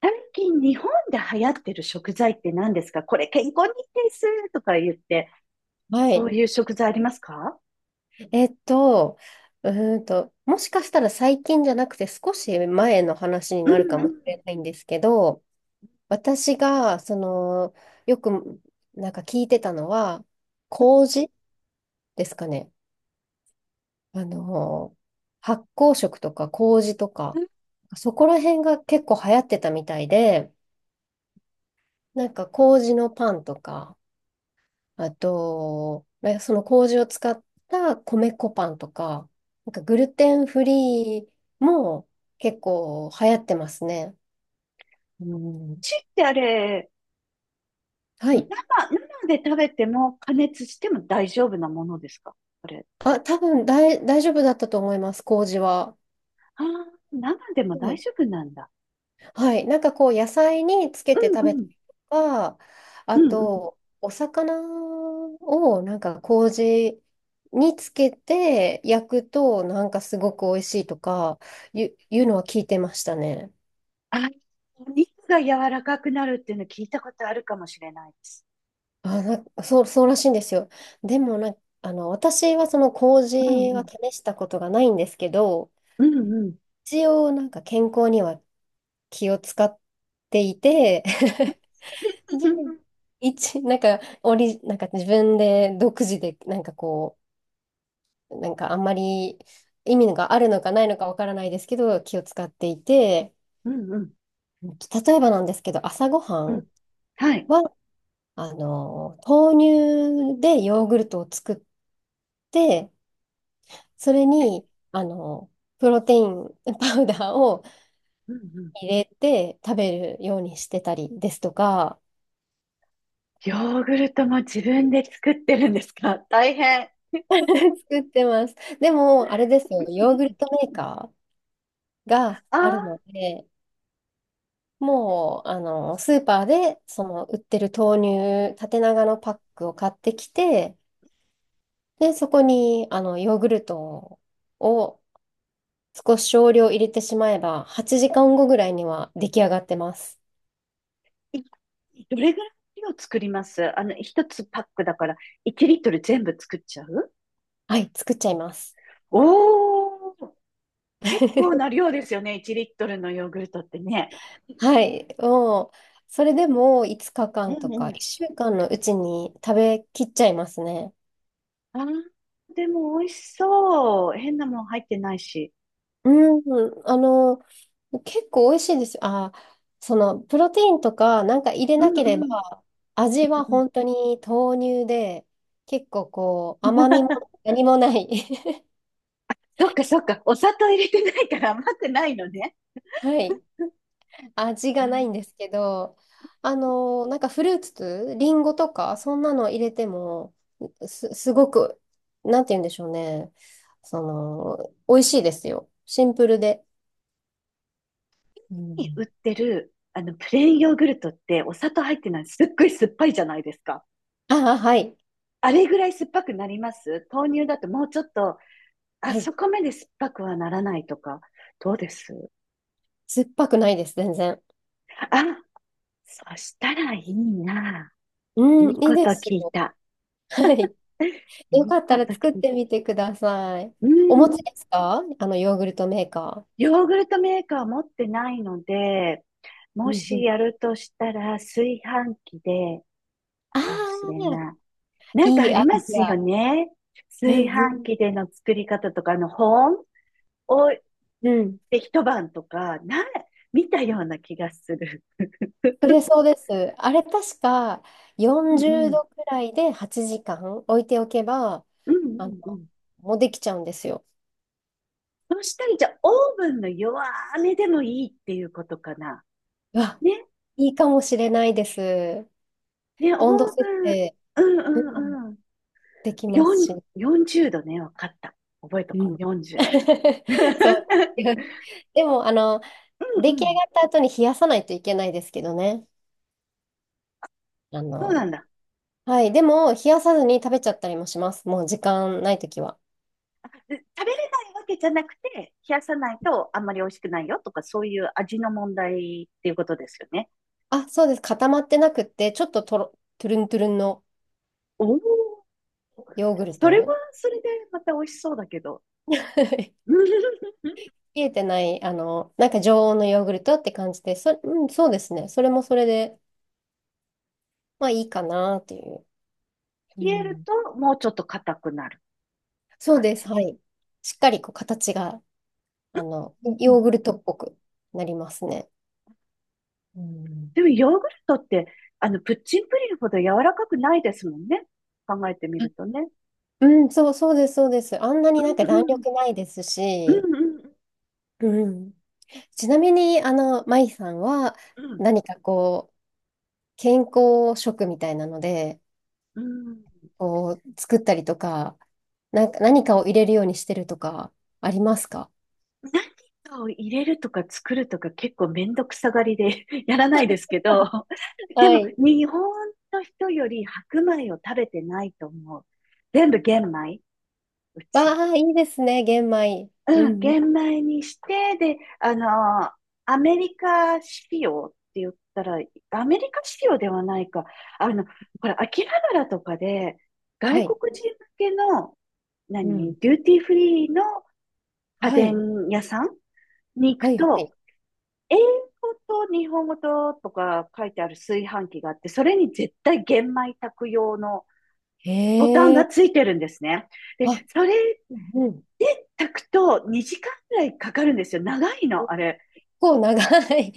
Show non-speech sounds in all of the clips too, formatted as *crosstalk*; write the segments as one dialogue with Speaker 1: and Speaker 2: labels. Speaker 1: 最近日本で流行ってる食材って何ですか？これ健康にいいですとか言って、
Speaker 2: は
Speaker 1: そう
Speaker 2: い。
Speaker 1: いう食材ありますか？
Speaker 2: えっと、うもしかしたら最近じゃなくて少し前の話に
Speaker 1: うん
Speaker 2: なるかもし
Speaker 1: う
Speaker 2: れないんですけど、私が、その、よくなんか聞いてたのは、麹ですかね。あの、発酵食とか麹と
Speaker 1: ん。
Speaker 2: か、
Speaker 1: う
Speaker 2: そこら辺が結構流行ってたみたいで、なんか麹のパンとか、あと、まあその麹を使った米粉パンとか、なんかグルテンフリーも結構流行ってますね。うん。
Speaker 1: ちってあれ、
Speaker 2: は
Speaker 1: 生、
Speaker 2: い。
Speaker 1: 生で食べても加熱しても大丈夫なものですか、これ。
Speaker 2: あ、多分大丈夫だったと思います、麹は。
Speaker 1: ああ、生でも
Speaker 2: は
Speaker 1: 大
Speaker 2: い。
Speaker 1: 丈夫なんだ。
Speaker 2: はい。なんかこう、野菜につけて食
Speaker 1: う
Speaker 2: べ
Speaker 1: んう
Speaker 2: た
Speaker 1: ん。
Speaker 2: りとか、
Speaker 1: う
Speaker 2: あ
Speaker 1: んうん。
Speaker 2: と、お魚をなんか麹につけて焼くと、なんかすごく美味しいとか、いうのは聞いてましたね。
Speaker 1: あ、お肉が柔らかくなるっていうの聞いたことあるかもしれないです。
Speaker 2: あ、そう、そうらしいんですよ。でもな、あの、私はその
Speaker 1: うん
Speaker 2: 麹
Speaker 1: う
Speaker 2: は
Speaker 1: ん。
Speaker 2: 試したことがないんですけど、
Speaker 1: うんうん。
Speaker 2: 一応なんか健康には気を使っていて、*laughs* で、一、なんか、オリ、なんか自分で独自で、なんかこう、なんかあんまり意味があるのかないのかわからないですけど、気を使っていて、
Speaker 1: うんうん。
Speaker 2: 例えばなんですけど、朝ごは
Speaker 1: うんうん。
Speaker 2: ん
Speaker 1: はい。
Speaker 2: は、あの、豆乳でヨーグルトを作って、それに、あの、プロテイン *laughs* パウダーを
Speaker 1: うんうん。
Speaker 2: 入れて食べるようにしてたりですとか、
Speaker 1: ヨーグルトも自分で作ってるんですか？大変。
Speaker 2: *laughs* 作ってます。でも、あれです
Speaker 1: う
Speaker 2: よ、
Speaker 1: ん
Speaker 2: ヨ
Speaker 1: う
Speaker 2: ーグル
Speaker 1: ん。
Speaker 2: トメーカーが
Speaker 1: あ
Speaker 2: ある
Speaker 1: あ、
Speaker 2: ので、もう、あの、スーパーで、その、売ってる豆乳、縦長のパックを買ってきて、で、そこに、あの、ヨーグルトを少し少量入れてしまえば、8時間後ぐらいには出来上がってます。
Speaker 1: いどれぐらいの量作りますあの、一つパックだから1リットル全部作っちゃう？
Speaker 2: はい、作っちゃいます。
Speaker 1: おー、結構
Speaker 2: *laughs*
Speaker 1: な量ですよね、1リットルのヨーグルトってね。
Speaker 2: はい、もう、それでも5日
Speaker 1: う
Speaker 2: 間と
Speaker 1: ん
Speaker 2: か
Speaker 1: うん。
Speaker 2: 1週間のうちに食べきっちゃいますね。
Speaker 1: あー、でも美味しそう。変なもん入ってないし。
Speaker 2: うん、あの、結構美味しいですよ。あ、その、プロテインとかなんか入れ
Speaker 1: う
Speaker 2: な
Speaker 1: ん
Speaker 2: ければ、
Speaker 1: うん。
Speaker 2: 味は
Speaker 1: うんうん。
Speaker 2: 本当に豆乳で、結構こう、甘みも
Speaker 1: *laughs*
Speaker 2: 何もない。*laughs*
Speaker 1: そっかそっか、お砂糖入れてないから甘くないのね。
Speaker 2: はい。味がないんですけど、あの、なんかフルーツ、リンゴとか、そんなの入れても、すごく、なんて言うんでしょうね。その、美味しいですよ。シンプルで。う
Speaker 1: に売
Speaker 2: ん。
Speaker 1: ってる、あの、プレーンヨーグルトってお砂糖入ってない、すっごい酸っぱいじゃないですか。
Speaker 2: ああ、はい。
Speaker 1: あれぐらい酸っぱくなります豆乳だともうちょっと、あ
Speaker 2: は
Speaker 1: そ
Speaker 2: い。
Speaker 1: こまで酸っぱくはならないとか、どうです
Speaker 2: 酸っぱくないです、全然。
Speaker 1: あ、そしたらいいな。
Speaker 2: う
Speaker 1: いい
Speaker 2: ん、いい
Speaker 1: こ
Speaker 2: で
Speaker 1: と
Speaker 2: す
Speaker 1: 聞い
Speaker 2: よ。
Speaker 1: た。
Speaker 2: *laughs* はい。
Speaker 1: い
Speaker 2: よか
Speaker 1: い
Speaker 2: った
Speaker 1: こ
Speaker 2: ら
Speaker 1: と聞
Speaker 2: 作っ
Speaker 1: いた。
Speaker 2: てみてください。
Speaker 1: う
Speaker 2: お持ち
Speaker 1: ん。
Speaker 2: ですか？あの、ヨーグルトメーカ
Speaker 1: ヨーグルトメーカー持ってないので、
Speaker 2: ー。
Speaker 1: も
Speaker 2: うんう
Speaker 1: し
Speaker 2: ん。
Speaker 1: やるとしたら炊飯器で
Speaker 2: あ
Speaker 1: かもしれ
Speaker 2: あ、
Speaker 1: ない。なんか
Speaker 2: い
Speaker 1: あ
Speaker 2: い
Speaker 1: り
Speaker 2: ア
Speaker 1: ま
Speaker 2: イ
Speaker 1: す
Speaker 2: デ
Speaker 1: よ
Speaker 2: ア。
Speaker 1: ね。
Speaker 2: う
Speaker 1: 炊
Speaker 2: んうん。
Speaker 1: 飯器での作り方とか、あの、保温を
Speaker 2: うん、
Speaker 1: で一晩とか、見たような気がする。
Speaker 2: そうです。あれ確か
Speaker 1: う
Speaker 2: 40
Speaker 1: んうん。
Speaker 2: 度くらいで8時間置いておけば、
Speaker 1: うんう
Speaker 2: あの、
Speaker 1: んうん。
Speaker 2: もうできちゃうんですよ。
Speaker 1: そしたら、じゃあ、オーブンの弱めでもいいっていうことかな。
Speaker 2: うわ、
Speaker 1: ね、
Speaker 2: いいかもしれないです。
Speaker 1: ね、オーブ
Speaker 2: 温度設
Speaker 1: ン、
Speaker 2: 定、
Speaker 1: うん
Speaker 2: う
Speaker 1: う
Speaker 2: ん、
Speaker 1: んうん。
Speaker 2: できます
Speaker 1: 4、
Speaker 2: し。
Speaker 1: 40度ね、わかった。覚えと
Speaker 2: う
Speaker 1: こう、
Speaker 2: ん。
Speaker 1: 40。
Speaker 2: *laughs* そう。
Speaker 1: *laughs*
Speaker 2: でも、あの、
Speaker 1: う
Speaker 2: 出
Speaker 1: ん
Speaker 2: 来
Speaker 1: う
Speaker 2: 上
Speaker 1: ん。
Speaker 2: がった後に冷やさないといけないですけどね。あ
Speaker 1: そうなん
Speaker 2: の、
Speaker 1: だ。
Speaker 2: はい。でも、冷やさずに食べちゃったりもします。もう時間ないときは。
Speaker 1: 食べれないわけじゃなくて、冷やさないとあんまり美味しくないよとか、そういう味の問題っていうことですよね。
Speaker 2: あ、そうです。固まってなくって、ちょっとトゥルントゥルンの。
Speaker 1: おお、
Speaker 2: ヨーグル
Speaker 1: それは
Speaker 2: ト。
Speaker 1: それでまた美味しそうだけど、*laughs*
Speaker 2: *laughs*
Speaker 1: 冷
Speaker 2: 冷えてない、あの、なんか常温のヨーグルトって感じで、うん、そうですね。それもそれで、まあいいかなっていう。う
Speaker 1: える
Speaker 2: ん。
Speaker 1: ともうちょっと硬くなる
Speaker 2: そう
Speaker 1: 感
Speaker 2: です。
Speaker 1: じ。
Speaker 2: はい。しっかりこう形が、あの、
Speaker 1: う
Speaker 2: ヨ
Speaker 1: ん、
Speaker 2: ーグルトっぽくなりますね。うん。
Speaker 1: でもヨーグルトって、あの、プッチンプリンほど柔らかくないですもんね。考えてみ
Speaker 2: あ、
Speaker 1: るとね。
Speaker 2: うん、そう、そうです、そうです。あんなになんか
Speaker 1: う
Speaker 2: 弾
Speaker 1: んうん。
Speaker 2: 力ないです
Speaker 1: う
Speaker 2: し、
Speaker 1: んうん
Speaker 2: うん。ちなみに、あの、マイさんは
Speaker 1: うん。
Speaker 2: 何かこう、健康食みたいなので、
Speaker 1: うん。
Speaker 2: こう、作ったりとか、なんか何かを入れるようにしてるとか、ありますか？
Speaker 1: 何かを入れるとか作るとか結構めんどくさがりで *laughs* やらないですけど、で
Speaker 2: は
Speaker 1: も
Speaker 2: い。
Speaker 1: 日本の人より白米を食べてないと思う。全部玄米、う
Speaker 2: わ
Speaker 1: ち。
Speaker 2: あ、いいですね、玄米。う
Speaker 1: うん、
Speaker 2: んうん。
Speaker 1: 玄米にして、で、アメリカ仕様って言ったら、アメリカ仕様ではないか。あの、これ、秋葉原とかで、
Speaker 2: は
Speaker 1: 外
Speaker 2: い。
Speaker 1: 国人向けの、
Speaker 2: うん。
Speaker 1: 何、デューティーフリーの家
Speaker 2: はい。
Speaker 1: 電屋さんに行く
Speaker 2: はい、は
Speaker 1: と、
Speaker 2: い。
Speaker 1: 英語と日本語ととか書いてある炊飯器があって、それに絶対玄米炊く用のボタン
Speaker 2: へ
Speaker 1: が
Speaker 2: え。
Speaker 1: ついてるんですね。で、
Speaker 2: あ、
Speaker 1: それ
Speaker 2: うん。
Speaker 1: 炊くと2時間ぐらいかかるんですよ。長いの、
Speaker 2: 結
Speaker 1: あれ。
Speaker 2: 構長い。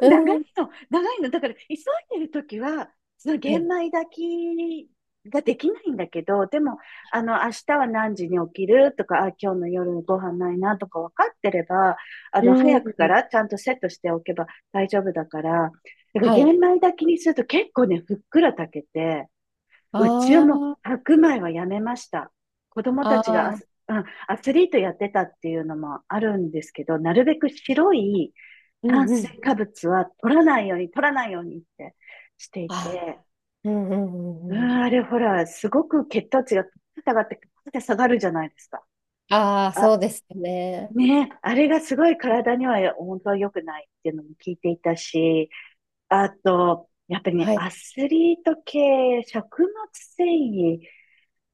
Speaker 2: *laughs*
Speaker 1: 長
Speaker 2: う
Speaker 1: い
Speaker 2: ん。
Speaker 1: の、長いの。だから、急いでるときは、その
Speaker 2: は
Speaker 1: 玄
Speaker 2: い。
Speaker 1: 米炊きができないんだけど、でも、あの、明日は何時に起きるとか、あ、今日の夜のご飯ないなとか分かってれば、あ
Speaker 2: う
Speaker 1: の、早くか
Speaker 2: ん。
Speaker 1: らちゃんとセットしておけば大丈夫だから、だから
Speaker 2: は
Speaker 1: 玄
Speaker 2: い。
Speaker 1: 米炊きにすると結構ね、ふっくら炊けて、うちは
Speaker 2: あ
Speaker 1: もう
Speaker 2: あ、
Speaker 1: 白米はやめました。子供たちが
Speaker 2: ああ、
Speaker 1: うん、アスリートやってたっていうのもあるんですけど、なるべく白い
Speaker 2: う
Speaker 1: 炭
Speaker 2: んう
Speaker 1: 水
Speaker 2: ん。
Speaker 1: 化物は取らないように、取らないようにってしてい
Speaker 2: あ
Speaker 1: て、
Speaker 2: ー、うんうんう
Speaker 1: うん、
Speaker 2: んうん。
Speaker 1: あれほら、すごく血糖値が下がって、下がるじゃないですか。
Speaker 2: ああ、そ
Speaker 1: あ、
Speaker 2: うですよね。
Speaker 1: ね、あれがすごい体には本当は良くないっていうのも聞いていたし、あと、やっぱりね、
Speaker 2: はい。
Speaker 1: アスリート系、食物繊維、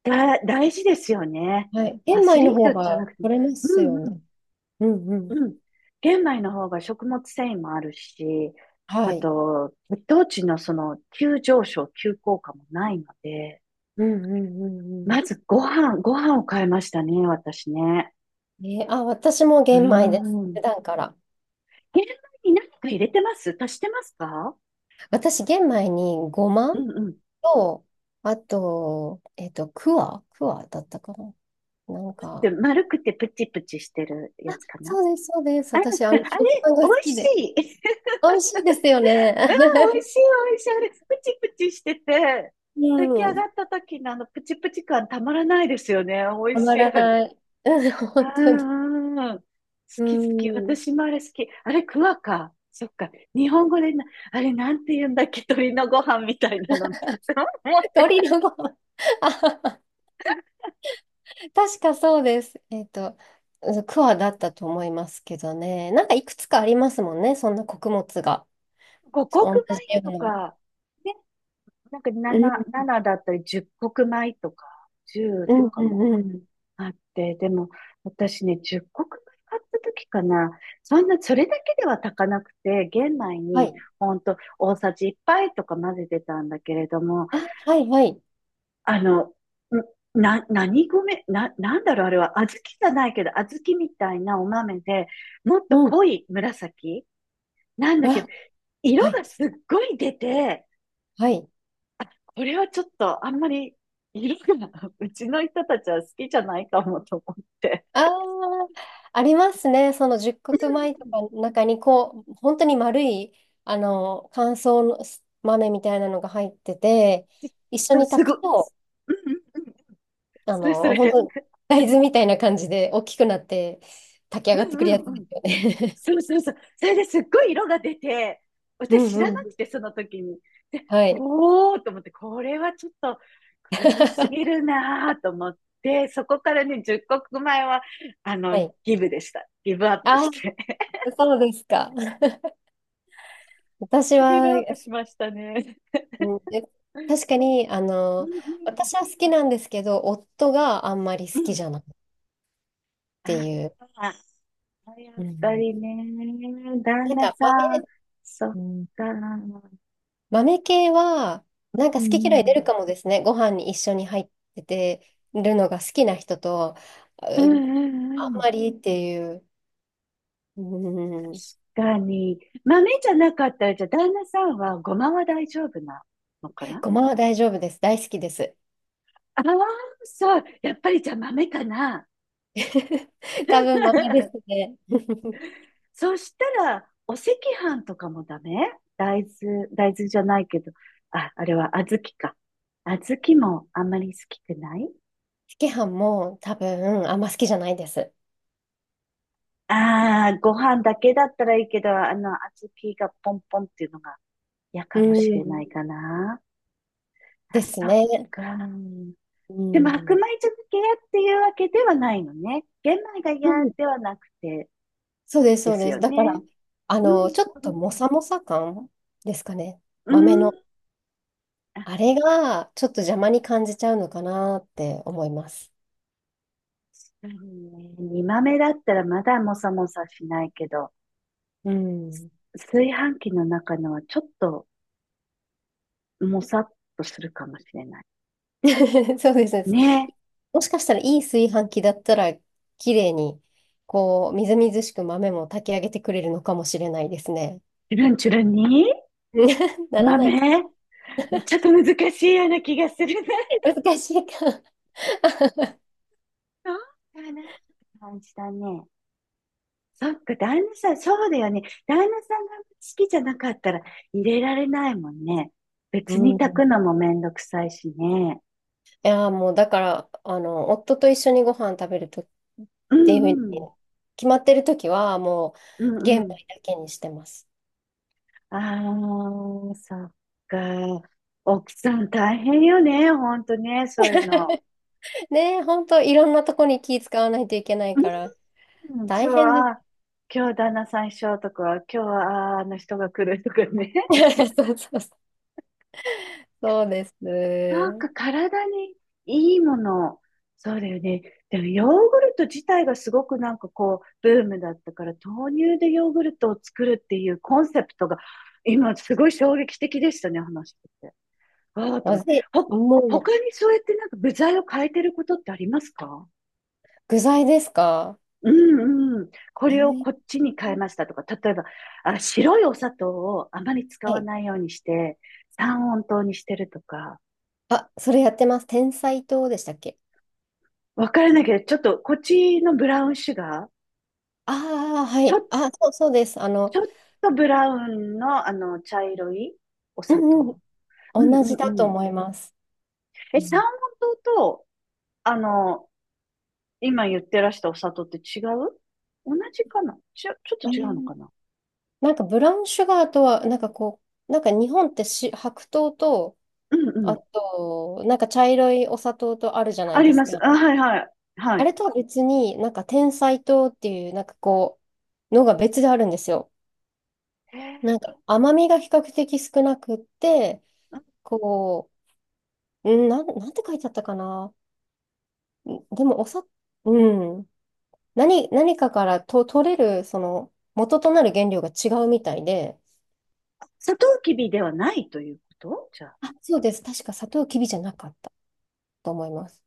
Speaker 1: 大事ですよね。
Speaker 2: はい。玄
Speaker 1: アス
Speaker 2: 米
Speaker 1: リ
Speaker 2: の
Speaker 1: ー
Speaker 2: 方
Speaker 1: トじゃな
Speaker 2: が
Speaker 1: くても、
Speaker 2: 取れます
Speaker 1: うん
Speaker 2: よ
Speaker 1: う
Speaker 2: ね。
Speaker 1: ん
Speaker 2: うんうん。
Speaker 1: うん。玄米の方が食物繊維もあるし、
Speaker 2: は
Speaker 1: あ
Speaker 2: い。
Speaker 1: と、血糖値のその急上昇、急降下もないので、
Speaker 2: うんうんうんうん。
Speaker 1: まずご飯、ご飯を変えましたね、私ね。
Speaker 2: えーあ、私も
Speaker 1: うー
Speaker 2: 玄米です。
Speaker 1: ん。
Speaker 2: 普段から。
Speaker 1: 玄米に何か入れてます？足してますか？
Speaker 2: 私、玄米にごま
Speaker 1: うんうん。
Speaker 2: と、あと、クワクワだったかな。なん
Speaker 1: で、
Speaker 2: か、
Speaker 1: 丸くてプチプチしてるやつかな
Speaker 2: そうです、そうです。
Speaker 1: あ、あれ、
Speaker 2: 私、あの、食パンが好
Speaker 1: 美味
Speaker 2: き
Speaker 1: し
Speaker 2: で。
Speaker 1: い。*laughs*
Speaker 2: 美味しいですよね。
Speaker 1: うん、美味しい、美味しい。あれ、プチプチしてて、
Speaker 2: *laughs*
Speaker 1: 炊き上
Speaker 2: う
Speaker 1: がっ
Speaker 2: ん。
Speaker 1: た時のあのプチプチ感たまらないですよね。美
Speaker 2: た
Speaker 1: 味し
Speaker 2: ま
Speaker 1: い、あ
Speaker 2: らな
Speaker 1: れ。
Speaker 2: い。*laughs* うん、本当に。
Speaker 1: うん、好
Speaker 2: う
Speaker 1: き好き。
Speaker 2: ん。
Speaker 1: 私もあれ好き。あれ、クワか。そっか。日本語であれなんて言うんだっけ、鳥のご飯みたいなのっていつも思って
Speaker 2: 鳥
Speaker 1: た。
Speaker 2: のごま。*laughs* あはは、確かそうです。うんクワだったと思いますけどね。なんかいくつかありますもんね、そんな穀物が。
Speaker 1: 五穀
Speaker 2: 同じよ
Speaker 1: 米と
Speaker 2: うな。
Speaker 1: か、ね、なんか
Speaker 2: うん、
Speaker 1: 7だったり十穀米とか、十
Speaker 2: う
Speaker 1: と
Speaker 2: ん、
Speaker 1: か
Speaker 2: う
Speaker 1: も
Speaker 2: ん、うん。
Speaker 1: あって、でも私ね、十穀米買った時かな、そんな、それだけでは炊かなくて、玄米
Speaker 2: は
Speaker 1: に
Speaker 2: い。
Speaker 1: ほんと大さじ1杯とか混ぜてたんだけれども、
Speaker 2: あ、はい、はい。
Speaker 1: あの、んな、何米、な、なんだろう、あれは、小豆じゃないけど、小豆みたいなお豆で、もっと
Speaker 2: うん。
Speaker 1: 濃い紫なんだけど、
Speaker 2: わ、は
Speaker 1: 色
Speaker 2: い、
Speaker 1: がすっごい出て、
Speaker 2: はい。
Speaker 1: これはちょっとあんまり色が *laughs* うちの人たちは好きじゃないかもと思って。
Speaker 2: ああ、ありますね。その十穀米とかの中に、こう、本当に丸い、あの、乾燥の豆みたいなのが入ってて、一緒
Speaker 1: そう、
Speaker 2: に
Speaker 1: す
Speaker 2: 炊
Speaker 1: ごい。
Speaker 2: くと、
Speaker 1: うんうんうん。
Speaker 2: あ
Speaker 1: それそ
Speaker 2: の、
Speaker 1: れ。
Speaker 2: 本当大豆みたいな感じで大きくなって炊き上
Speaker 1: う
Speaker 2: がって
Speaker 1: ん
Speaker 2: くる
Speaker 1: う
Speaker 2: やつ
Speaker 1: んう
Speaker 2: で
Speaker 1: ん。
Speaker 2: すよね。
Speaker 1: そうそうそう。それですっごい色が出て、
Speaker 2: *laughs* う
Speaker 1: 私
Speaker 2: ん
Speaker 1: 知
Speaker 2: う
Speaker 1: らなく
Speaker 2: ん。
Speaker 1: て、その時に。で、
Speaker 2: *laughs* はい。
Speaker 1: おーと思って、これはちょっと黒すぎ
Speaker 2: *laughs*
Speaker 1: るなーと思って、そこからね、10国前は、あの、
Speaker 2: はい。
Speaker 1: ギブでした。ギブアップし
Speaker 2: あ、
Speaker 1: て。
Speaker 2: そうですか。私
Speaker 1: *laughs* ギブ
Speaker 2: は、
Speaker 1: アップしましたね。
Speaker 2: うんで、確かに、あ
Speaker 1: う
Speaker 2: の、
Speaker 1: ん
Speaker 2: 私は好きなんですけど、夫があんまり
Speaker 1: う
Speaker 2: 好
Speaker 1: ん。う
Speaker 2: き
Speaker 1: ん。
Speaker 2: じゃないってい
Speaker 1: あ
Speaker 2: う。
Speaker 1: あ、や
Speaker 2: う
Speaker 1: っぱ
Speaker 2: ん、
Speaker 1: りね、旦
Speaker 2: なん
Speaker 1: 那
Speaker 2: か
Speaker 1: さ
Speaker 2: 豆、
Speaker 1: ん、そっ
Speaker 2: うん、
Speaker 1: か。うん
Speaker 2: 豆系は、
Speaker 1: う
Speaker 2: なんか好き嫌い出る
Speaker 1: ん。
Speaker 2: かもですね。ご飯に一緒に入っててるのが好きな人と、
Speaker 1: う
Speaker 2: う
Speaker 1: ん
Speaker 2: ん、
Speaker 1: う
Speaker 2: あん
Speaker 1: んうん。
Speaker 2: まりっていう。うん、
Speaker 1: 確かに。豆じゃなかったら、じゃあ旦那さんはごまは大丈夫なのかな？
Speaker 2: ごまは大丈夫です。大好きです。
Speaker 1: ああ、そう。やっぱりじゃあ豆かな。
Speaker 2: *laughs* 多分豆です
Speaker 1: *laughs*
Speaker 2: ね。
Speaker 1: そしたら、お赤飯とかもダメ？大豆、大豆じゃないけど。あ、あれは小豆か。小豆もあんまり好きくない？
Speaker 2: 赤飯も多分あんま好きじゃないです。
Speaker 1: ああ、ご飯だけだったらいいけど、あの、小豆がポンポンっていうのが嫌
Speaker 2: う
Speaker 1: かもしれな
Speaker 2: ん、
Speaker 1: いかな。
Speaker 2: で
Speaker 1: あ、
Speaker 2: す
Speaker 1: そっ
Speaker 2: ね。
Speaker 1: か。
Speaker 2: う
Speaker 1: でも、白米
Speaker 2: ん
Speaker 1: 漬け屋っていうわけではないのね。玄米が
Speaker 2: う
Speaker 1: 嫌
Speaker 2: ん、
Speaker 1: ではなくて
Speaker 2: そうです、そ
Speaker 1: で
Speaker 2: う
Speaker 1: す
Speaker 2: です。
Speaker 1: よ
Speaker 2: だから、
Speaker 1: ね。
Speaker 2: あ
Speaker 1: う
Speaker 2: の、
Speaker 1: ん、
Speaker 2: ちょっ
Speaker 1: う
Speaker 2: とも
Speaker 1: ん、
Speaker 2: さもさ感ですかね。
Speaker 1: う
Speaker 2: 豆
Speaker 1: ん。
Speaker 2: の。
Speaker 1: あ、
Speaker 2: あれが、ちょっと邪魔に感じちゃうのかなって思います。
Speaker 1: 確かにね。煮豆だったらまだもさもさしないけど、
Speaker 2: うん。
Speaker 1: 炊飯器の中のはちょっともさっとするかもしれない。
Speaker 2: *laughs* そうです、そうです。
Speaker 1: ね
Speaker 2: もしかしたらいい炊飯器だったら、綺麗に、こう、みずみずしく豆も炊き上げてくれるのかもしれないですね。
Speaker 1: え、チュルンチュルンに
Speaker 2: *laughs* ならないか。
Speaker 1: 豆ちょっと難しいような気がするね。
Speaker 2: 難しいか。
Speaker 1: そうかなって感じだね。そっか、旦那さん、そうだよね。旦那さんが好きじゃなかったら入れられないもんね。
Speaker 2: う
Speaker 1: 別に炊
Speaker 2: ん。
Speaker 1: く
Speaker 2: い
Speaker 1: のもめんどくさいしね。
Speaker 2: やー、もう、だから、あの、夫と一緒にご飯食べるとっ
Speaker 1: う
Speaker 2: ていうふう
Speaker 1: ん
Speaker 2: に
Speaker 1: うん。
Speaker 2: 決まってる時はも
Speaker 1: う
Speaker 2: う玄
Speaker 1: んう
Speaker 2: 米
Speaker 1: ん。
Speaker 2: だけにしてます。
Speaker 1: ああ、そっか。奥さん大変よね。ほんとね、そういうの。
Speaker 2: *laughs* ねえ、ほんといろんなとこに気使わないといけないから
Speaker 1: うん、
Speaker 2: 大
Speaker 1: そう、
Speaker 2: 変です。
Speaker 1: あー今日旦那さん一緒とか、今日はあーあの人が来るとかね。
Speaker 2: *laughs* そうそうそう、そうです。
Speaker 1: そうか、体にいいもの。そうだよね。でもヨーグルト自体がすごくなんかこう、ブームだったから、豆乳でヨーグルトを作るっていうコンセプトが、今すごい衝撃的でしたね、話してて。わあと
Speaker 2: ま
Speaker 1: 思っ
Speaker 2: ず
Speaker 1: て。
Speaker 2: い、
Speaker 1: ほ、
Speaker 2: もう
Speaker 1: 他にそうやってなんか部材を変えてることってありますか？
Speaker 2: 具材ですか？
Speaker 1: うんうん。こ
Speaker 2: え
Speaker 1: れを
Speaker 2: ー、
Speaker 1: こっちに変えましたとか、例えば、あ、白いお砂糖をあまり使
Speaker 2: は
Speaker 1: わ
Speaker 2: い。
Speaker 1: ないようにして、三温糖にしてるとか。
Speaker 2: あ、それやってます。天才糖でしたっけ？
Speaker 1: わからないけど、ちょっと、こっちのブラウンシュガー。
Speaker 2: ああー、は
Speaker 1: ち
Speaker 2: い。
Speaker 1: ょ、
Speaker 2: あ、そう、そうです。あ
Speaker 1: ち
Speaker 2: の、
Speaker 1: ょっとブラウンの、あの、茶色いお
Speaker 2: う
Speaker 1: 砂
Speaker 2: ん
Speaker 1: 糖。う
Speaker 2: うん、
Speaker 1: ん
Speaker 2: 同
Speaker 1: うん
Speaker 2: じ
Speaker 1: う
Speaker 2: だと
Speaker 1: ん。
Speaker 2: 思います。う
Speaker 1: え、サー
Speaker 2: ん、
Speaker 1: モン糖と、あの、今言ってらしたお砂糖って違う？同じかな？ちょっ
Speaker 2: え
Speaker 1: と違うの
Speaker 2: ー、
Speaker 1: かな？
Speaker 2: なんかブラウンシュガーとは、なんかこう、なんか日本って白糖と、
Speaker 1: うんう
Speaker 2: あ
Speaker 1: ん。
Speaker 2: と、なんか茶色いお砂糖とあるじゃな
Speaker 1: あ
Speaker 2: い
Speaker 1: り
Speaker 2: です
Speaker 1: ま
Speaker 2: か。
Speaker 1: す。あ、はいはい。は
Speaker 2: あ
Speaker 1: い。
Speaker 2: れとは別に、なんか甜菜糖っていう、なんかこう、のが別であるんですよ。
Speaker 1: へえ。
Speaker 2: なんか甘みが比較的少なくって、こう、うん、なんて書いてあったかな。んでも、うん。何かからと取れる、その、元となる原料が違うみたいで、
Speaker 1: 砂糖きびではないということじゃあ。
Speaker 2: あ、そうです。確か砂糖きびじゃなかったと思います。